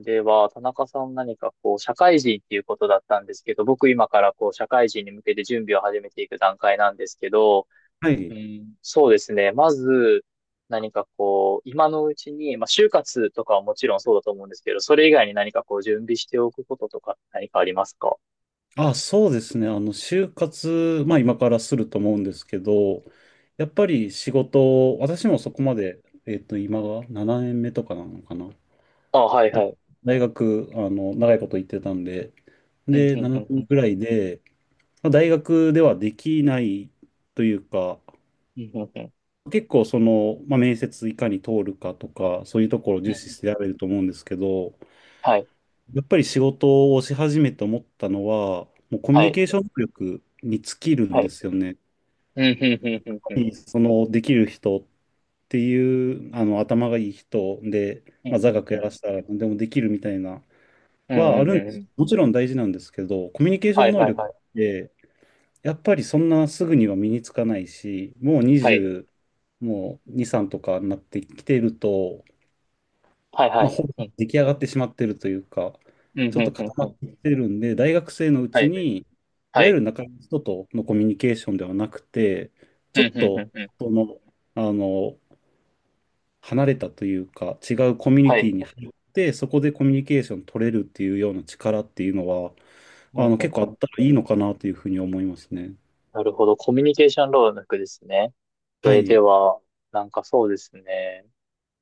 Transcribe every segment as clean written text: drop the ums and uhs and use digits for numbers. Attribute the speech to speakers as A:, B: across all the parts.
A: では、田中さん何かこう、社会人っていうことだったんですけど、僕今からこう、社会人に向けて準備を始めていく段階なんですけど、
B: は
A: う
B: い。
A: ん、そうですね。まず、何かこう、今のうちに、まあ、就活とかはもちろんそうだと思うんですけど、それ以外に何かこう、準備しておくこととか何かありますか？
B: そうですね。就活、まあ今からすると思うんですけど、やっぱり仕事、私もそこまで、今が7年目とかなのかな。
A: あ、はい
B: あ
A: はい。
B: 大学、長いこと行ってたんで、
A: うん、うん、
B: で、
A: う
B: 7
A: ん、う
B: 年
A: ん、
B: ぐらいで、まあ、大学ではできないというか、
A: うん、うん、うん。
B: 結構その、まあ、面接いかに通るかとか、そういうところを
A: う
B: 重視
A: ん。
B: してやれると思うんですけど、
A: はい、
B: やっぱり仕事をし始めて思ったのは、もうコミュ
A: は
B: ニ
A: い、
B: ケーション能力に尽きるん
A: は
B: で
A: い。
B: すよね。やっ
A: うん、うん、うん、うん、
B: ぱ
A: うん、
B: りそのできる人っていう頭がいい人で、
A: う
B: まあ、
A: ん、
B: 座
A: うん、
B: 学
A: う
B: や
A: ん、
B: らせたら何でもできるみたいな
A: うん、う
B: はあ
A: ん、
B: る
A: う
B: んです。
A: ん。
B: もちろん大事なんですけど、コミュニケーショ
A: は
B: ン
A: い、
B: 能
A: はい、
B: 力
A: は
B: っ
A: い。
B: てやっぱりそんなすぐには身につかないし、もう
A: はい、
B: 20、もう2、3とかになってきてると、
A: はい、は
B: まあ、
A: い。
B: ほぼ
A: うん、
B: 出来上がってしまってるというか、
A: うん、う
B: ち
A: ん、
B: ょっと
A: う
B: 固
A: ん、
B: ま
A: う
B: っ
A: ん。
B: てきてるんで、大学生のう
A: は
B: ち
A: い。
B: に、い
A: は
B: わゆ
A: い。
B: る仲間の人とのコミュニケーションではなくて、
A: う
B: ちょ
A: ん、
B: っ
A: うん、う
B: と
A: ん、うん。
B: その、あの、離れたというか、違うコミュニ
A: は
B: テ
A: い。
B: ィに入って、そこでコミュニケーション取れるっていうような力っていうのは、
A: うん、うん、
B: 結構
A: う
B: あっ
A: ん。
B: たらいいのかなというふうに思いますね。
A: なるほど。コミュニケーション労力ですね。
B: は
A: で、で
B: い、
A: は、なんかそうですね。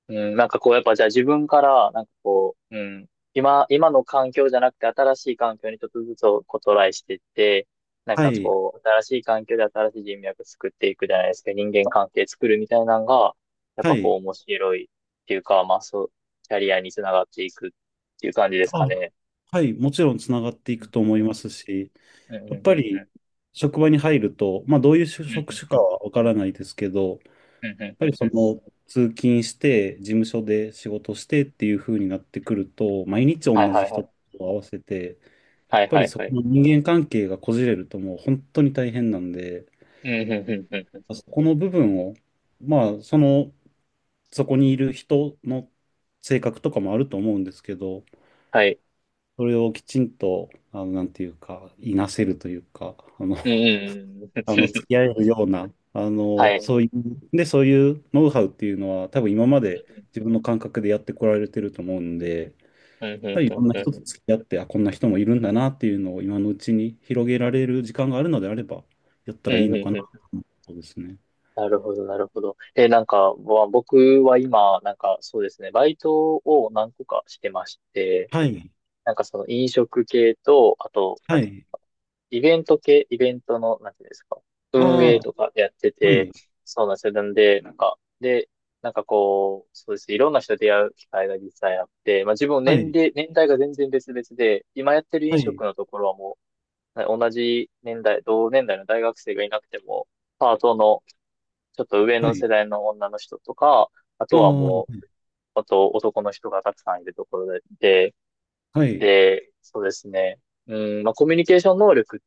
A: うん、なんかこう、やっぱじゃあ自分から、なんかこう、うん、今の環境じゃなくて新しい環境にちょっとずつこうトライしていって、なん
B: は
A: か
B: い、
A: こう、新しい環境で新しい人脈作っていくじゃないですか。人間関係作るみたいなのが、やっ
B: は
A: ぱこう
B: い。
A: 面白いっていうか、まあそう、キャリアにつながっていくっていう感じですか
B: あ、
A: ね。
B: はい、もちろんつながってい
A: う
B: くと思
A: ん
B: いますし、
A: うんうんうん
B: や
A: う
B: っぱ
A: んうんう
B: り
A: ん
B: 職場に入ると、まあ、どういう
A: う
B: 職
A: ん
B: 種か
A: うん
B: はわからないですけど、やっ
A: うんうんうんう
B: ぱ
A: ん
B: りそ
A: うん。
B: の通勤して、事務所で仕事してっていう風になってくると、毎日
A: はい
B: 同じ
A: はいは
B: 人と
A: い。
B: 合わせて、やっ
A: はい
B: ぱ
A: は
B: り
A: い
B: そ
A: は
B: こ
A: い。
B: の人間関係がこじれるともう本当に大変なんで、
A: うんうんうんうんうん。
B: そこの部分を、まあ、その、そこにいる人の性格とかもあると思うんですけど、
A: はい。
B: それをきちんと、なんていうか、いなせるというか、
A: うんうんうん
B: 付
A: う
B: き
A: ん。
B: 合えるような、
A: はい。
B: そういう、で、そういうノウハウっていうのは、多分今まで自分の感覚でやってこられてると思うんで、やっ
A: うんうん
B: ぱりい
A: う
B: ろ
A: ん
B: んな
A: う
B: 人
A: ん
B: と付き合って、あ、こんな人もいるんだなっていうのを今のうちに広げられる時間があるのであれば、やった
A: う
B: らいい
A: んう
B: の
A: ん
B: かな
A: う
B: と
A: んうん。
B: 思うそうですね。
A: なるほど、なるほど。え、なんか、僕は今、なんかそうですね、バイトを何個かしてまして、
B: はい、
A: なんかその飲食系と、あと、な
B: は
A: んて
B: い、
A: イベント系、イベントの、なんていうんですか、運
B: あ
A: 営
B: あ、
A: とかやって
B: は
A: て、
B: い、
A: そうなんですよ。なんで、なんか、で、なんかこう、そうですね。いろんな人と出会う機会が実際あって、まあ自分
B: は
A: 年
B: い、
A: 齢、年代が全然別々で、今やってる
B: は
A: 飲
B: い、
A: 食のところはもう、同じ年代、同年代の大学生がいなくても、パートのちょっと上
B: は
A: の
B: い、
A: 世代の女の人とか、あとは
B: あ
A: も
B: あ、
A: う、あと男の人がたくさんいるところで、
B: はい、
A: で、そうですね。うん、まあ、コミュニケーション能力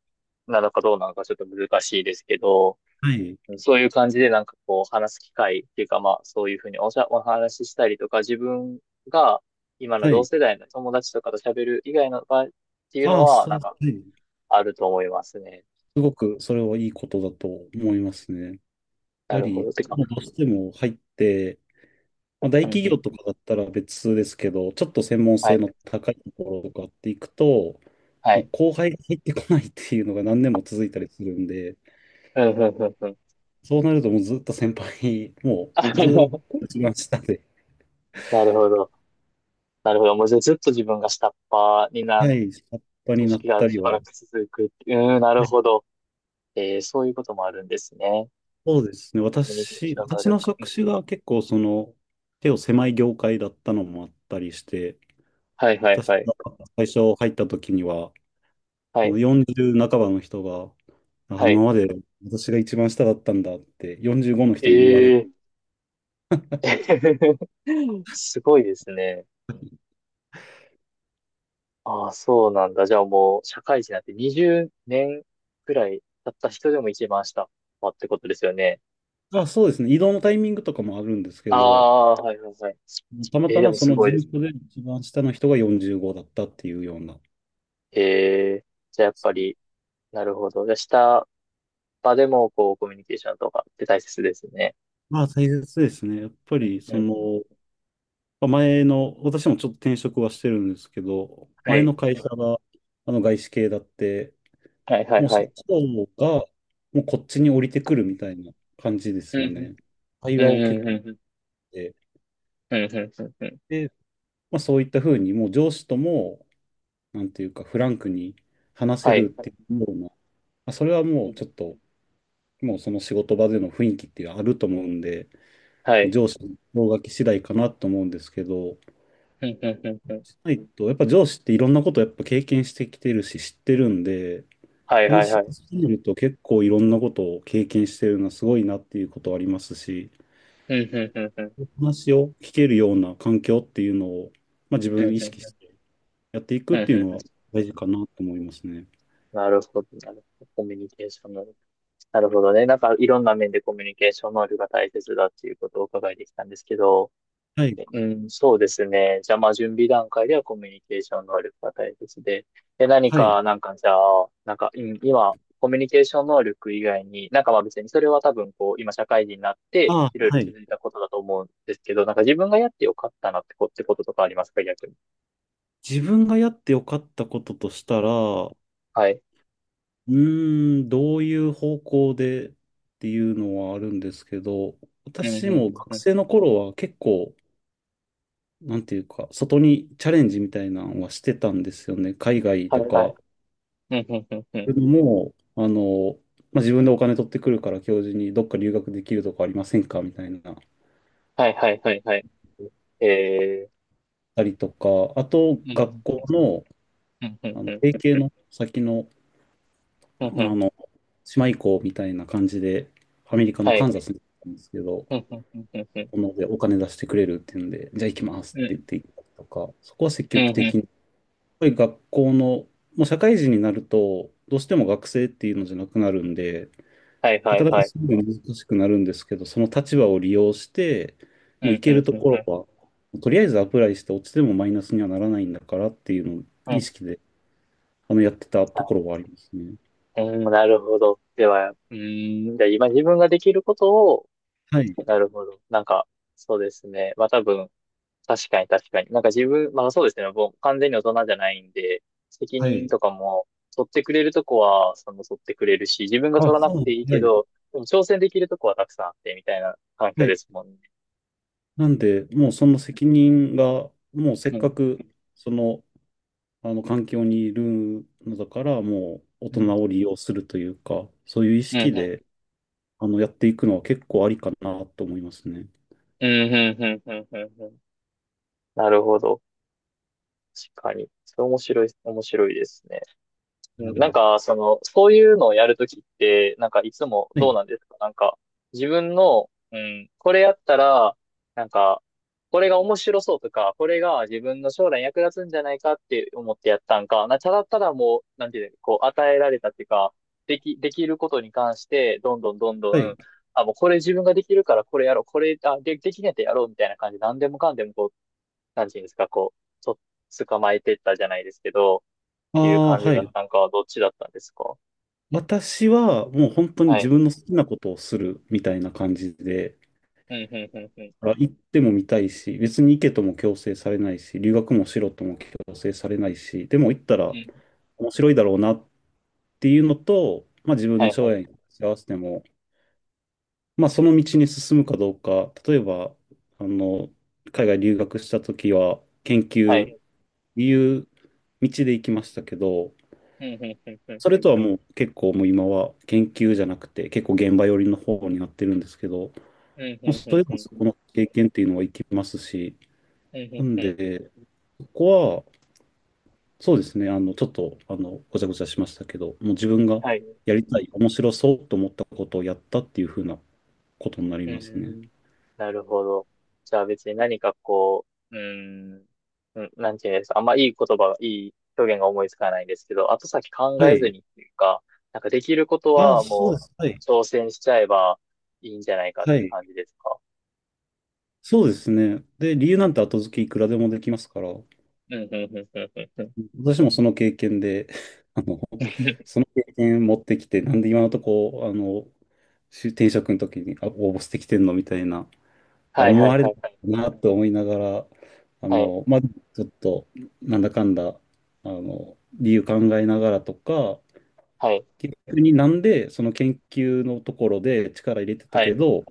A: なのかどうなのかちょっと難しいですけど、
B: はい、
A: そういう感じでなんかこう話す機会っていうか、まあそういうふうにお話ししたりとか自分が今の
B: は
A: 同
B: い、
A: 世代の友達とかと喋る以外の場合っていう
B: あ
A: の
B: あ、
A: は
B: そう、
A: なん
B: は
A: か
B: い。
A: あると思いますね。
B: すごくそれはいいことだと思いますね。やっ
A: な
B: ぱ
A: るほ
B: り、
A: ど。てか、
B: もうどうしても入って、まあ、大
A: うんう
B: 企業と
A: ん。
B: かだったら別ですけど、ちょっと専門
A: は
B: 性
A: い、
B: の高いところとかっていくと、
A: は
B: もう
A: い。
B: 後輩が入ってこないっていうのが何年も続いたりするんで、
A: うんうんうんうん。
B: そうなるともうずっと先輩、も
A: あ、な
B: うずっと一番下で、
A: るほど。なるほど。もうじゃあずっと自分が下っ端にな、
B: はい、下っ端に
A: 組
B: なっ
A: 織
B: た
A: が
B: り
A: し
B: は、
A: ばらく続くっていう。うん、な
B: は
A: る
B: い、
A: ほど。えー、そういうこともあるんですね。
B: そうですね。
A: コミュニケーション能
B: 私
A: 力。
B: の
A: う
B: 職
A: ん。
B: 種が結構その、手を狭い業界だったのもあったりして、
A: はいはい
B: 私
A: はい。
B: が最初入った時には、
A: は
B: あの
A: い。
B: 40半ばの人が、あ、
A: は
B: 今
A: い。
B: まで私が一番下だったんだって45の
A: え
B: 人に言われる。
A: ー、すごいですね。ああ、そうなんだ。じゃあもう、社会人になって20年くらい経った人でも一番下ってことですよね。
B: あ、そうですね。移動のタイミングとかもあるんですけ
A: あ
B: ど、
A: あ、はいはいはい。
B: たま
A: えー、
B: た
A: で
B: ま
A: も
B: そ
A: す
B: の事
A: ごいで
B: 務
A: す。
B: 所で一番下の人が45だったっていうような。
A: えー、じゃあやっぱり、なるほど。じゃあ下場でも、こう、コミュニケーションとかって大切ですね。
B: まあ大切ですね。やっぱ
A: うん
B: りそ
A: うん。
B: の、まあ前の、私もちょっと転職はしてるんですけど、
A: は
B: 前の
A: い。
B: 会社があの外資系だって、
A: はいはい
B: もう
A: は
B: 社
A: い。
B: 長がもうこっちに降りてくるみたいな感じで
A: う
B: す
A: ん
B: よね。会
A: うん。う
B: 話を
A: ん
B: 結
A: うん
B: 構
A: うんうん。
B: して、
A: うんうんうんうん。
B: で、まあそういったふうにもう上司ともなんていうか、フランクに話せ
A: は
B: る
A: い。
B: っていうような、それはもうちょっと、もうその仕事場での雰囲気っていうのはあると思うんで、
A: はい。
B: 上司の方書き次第かなと思うんですけど、
A: うんうんうんうん。
B: しないと、やっぱ上司っていろんなことをやっぱ経験してきてるし、知ってるんで、
A: はいはい
B: 話し
A: はい。
B: すぎると結構いろんなことを経験してるのはすごいなっていうことはありますし、
A: うんうんうんうん。
B: 話を聞けるような環境っていうのを、まあ、自
A: うんう
B: 分意識し
A: ん
B: てやってい
A: う
B: くっ
A: んうん
B: ていう
A: う
B: のは
A: ん。
B: 大事かなと思いますね。
A: なるほど、なるほど。コミュニケーション能力。なるほどね。なんかいろんな面でコミュニケーション能力が大切だっていうことをお伺いできたんですけど、
B: はい。
A: うん、そうですね。じゃあ、まあ、準備段階ではコミュニケーション能力が大切で。で、何
B: はい。
A: か、なんか、じゃあ、なんか、うん今、コミュニケーション能力以外に、なんかまあ別にそれは多分こう、今社会人になって、
B: あ
A: い
B: あ、
A: ろいろ
B: は
A: 気
B: い。
A: づいたことだと思うんですけど、なんか自分がやってよかったなってってこととかありますか、逆に。
B: 自分がやってよかったこととした
A: うん。
B: ら、う
A: はい。
B: ーん、どういう方向でっていうのはあるんですけど、
A: うん、うん、う
B: 私も
A: ん、う
B: 学
A: ん。
B: 生の頃は結構、なんていうか、外にチャレンジみたいなのはしてたんですよね。海外
A: は
B: と
A: い、は
B: か。
A: い。うん、うん、うん、うん。
B: でも、自分でお金取ってくるから教授にどっか留学できるとこありませんかみたいな、
A: はい、はい、はい、はい。えー、
B: たりとか、あと、
A: う
B: 学
A: ん、
B: 校の、
A: うん、うん、うん、
B: 提携の先の、
A: う
B: あ
A: ん、うん。
B: の、島行こうみたいな感じで、アメリカの
A: はい。
B: カン
A: う
B: ザ
A: ん、
B: スに行ったんですけど、
A: うん、うん、うん、うん。
B: このでお金出してくれるっていうんで、じゃあ行きます
A: う
B: って言っ
A: ん、
B: て行ったりとか、そこは積
A: う
B: 極
A: ん、う
B: 的
A: ん。
B: に、やっぱり学校の、もう社会人になると、どうしても学生っていうのじゃなくなるんで、
A: はい、は
B: なか
A: い、
B: なか
A: はい。
B: すぐ難しくなるんですけど、その立場を利用して、
A: う
B: もう行
A: んう
B: け
A: ん
B: ると
A: うん
B: こ
A: う
B: ろ
A: ん
B: は、とりあえずアプライして落ちてもマイナスにはならないんだからっていうのを
A: う
B: 意
A: ん。
B: 識で、やってたところはありますね。
A: なるほど。では、うーん、じゃあ今自分ができることを、
B: はい。
A: なるほど。なんか、そうですね。まあ多分、確かに確かに。なんか自分、まあそうですね。もう完全に大人じゃないんで、責
B: は
A: 任
B: い。
A: とかも、取ってくれるとこは、その取ってくれるし、自分が
B: あ、
A: 取らなく
B: そ
A: ていい
B: う。は
A: け
B: い。
A: ど、でも挑戦できるとこはたくさんあって、みたいな環境
B: は
A: で
B: い。
A: すもんね。
B: なんで、もうその責任が、もうせっ
A: う
B: か
A: ん。
B: く、その、あの環境にいるのだから、もう大
A: うん。
B: 人を利用するというか、そういう意
A: う
B: 識
A: ん。
B: で、やっていくのは結構ありかなと思いますね。
A: うん。うん。うん。うん。うん。うん。なるほど。確かに。それ面白い、面白いですね。
B: う
A: うん、なん
B: ん。
A: か、その、そういうのをやるときって、なんかいつも
B: はい。
A: どうなんですか、なんか、自分の、うん、これやったら、なんか、これが面白そうとか、これが自分の将来役立つんじゃないかって思ってやったんか、ただただもう、なんていうの、こう、与えられたっていうか、でき、できることに関して、どんどんどんど
B: はい。
A: ん、あ、もうこれ自分ができるからこれやろう、これ、あ、できねえとやろうみたいな感じで、何でもかんでもこう、なんていうんですか、こう、捕まえてったじゃないですけど、っ
B: あ
A: ていう
B: あ、
A: 感じ
B: は
A: だっ
B: い。
A: たんかはどっちだったんですか？
B: 私は、もう本当に
A: は
B: 自
A: い。
B: 分の好きなことをするみたいな感じで、
A: うん、うん、うん、うん。
B: あ行っても見たいし、別に行けとも強制されないし、留学もしろとも強制されないし、でも行った
A: う
B: ら
A: ん。
B: 面白いだろうなっていうのと、まあ、自分
A: は
B: の
A: い、は
B: 将
A: い。
B: 来に合わせても、まあ、その道に進むかどうか、例えば、あの、海外留学した時は、研
A: は
B: 究っ
A: い。
B: ていう道で行きましたけど、
A: うん、うん、うん、うん。
B: それとはもう結構もう今は研究じゃなくて、結構現場寄りの方になってるんですけど、
A: うん、う
B: まあ、
A: ん、う
B: それ
A: ん、
B: で
A: う
B: も
A: ん。
B: そこの経験っていうのは生きますし、
A: うん、う
B: な
A: ん、
B: ん
A: うん。
B: で、ここは、そうですね、あの、ちょっと、あの、ごちゃごちゃしましたけど、もう自分が
A: はい。
B: やりたい、面白そうと思ったことをやったっていう風なことになり
A: う
B: ますね。
A: ん。なるほど。じゃあ別に何かこう、うん、うん、なんていうんですか、あんまいい言葉が、いい表現が思いつかないんですけど、後先考
B: は
A: えず
B: い。
A: にっていうか、なんかできること
B: あ、
A: は
B: そう
A: も
B: で
A: う
B: す。はい。
A: 挑戦しちゃえばいいんじゃないかっ
B: は
A: ていう
B: い。
A: 感じですか？
B: そうですね。で、理由なんて後付けいくらでもできますから、
A: うん、うん、うん、うん、うん。うん。
B: 私もその経験で、あの、その経験持ってきて、なんで今のとこ、し転職の時にあ応募してきてんのみたいな、あ、
A: はい、
B: 思
A: はい、
B: われ
A: は
B: る
A: い、はい。
B: なと思いながら、あ
A: はい、
B: の、まあ、ちょっと、なんだかんだ、理由考えながらとか、
A: はい、
B: 結局になんでその研究のところで力入れてた
A: は
B: け
A: い。
B: ど、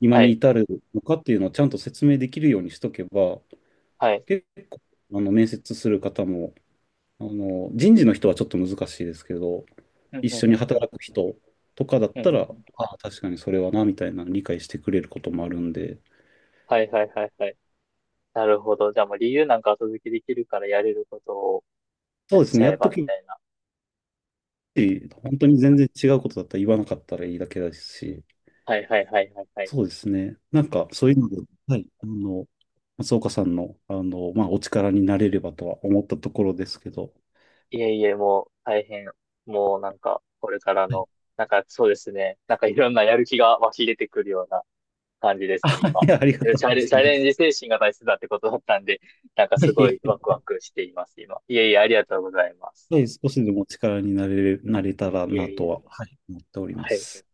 B: 今
A: は
B: に
A: い。
B: 至るのかっていうのをちゃんと説明できるようにしとけば、
A: はい。
B: 結構、面接する方も、人事の人はちょっと難しいですけど、
A: うん、
B: 一
A: う
B: 緒に
A: ん、ん、ん。
B: 働く人とかだっ
A: ふん
B: た
A: ふん
B: ら、
A: ふん。
B: ああ、確かにそれはな、みたいな理解してくれることもあるんで、
A: はい、はい、はい、はい。なるほど。じゃあもう理由なんか後付けできるからやれることを
B: そ
A: やっ
B: うです
A: ち
B: ね、
A: ゃ
B: や
A: え
B: っと
A: ば、み
B: き、
A: たいな。
B: 本当に全然違うことだったら言わなかったらいいだけだし、
A: はい、はい、はい、はい、はい。
B: そうですね。なんか、そういうので、はい、松岡さんの、お力になれればとは思ったところですけど、
A: いえいえ、もう大変。もうなんか、これから
B: はい。
A: の、なんかそうですね。なんかいろんなやる気が湧き出てくるような感じで すね、
B: あ、
A: 今。
B: いやありが
A: で
B: と
A: チ
B: う
A: ャ
B: ご
A: レ、チャ
B: ざいま
A: レンジ
B: す。
A: 精神が大切だってことだったんで、なんか
B: は
A: すごい
B: い、
A: ワクワクしています、今。いえいえ、ありがとうございます。
B: はい、少しでもお力になれ、なれたら
A: い
B: な
A: えい
B: と
A: え。
B: は、はい、思っておりま
A: はい。
B: す。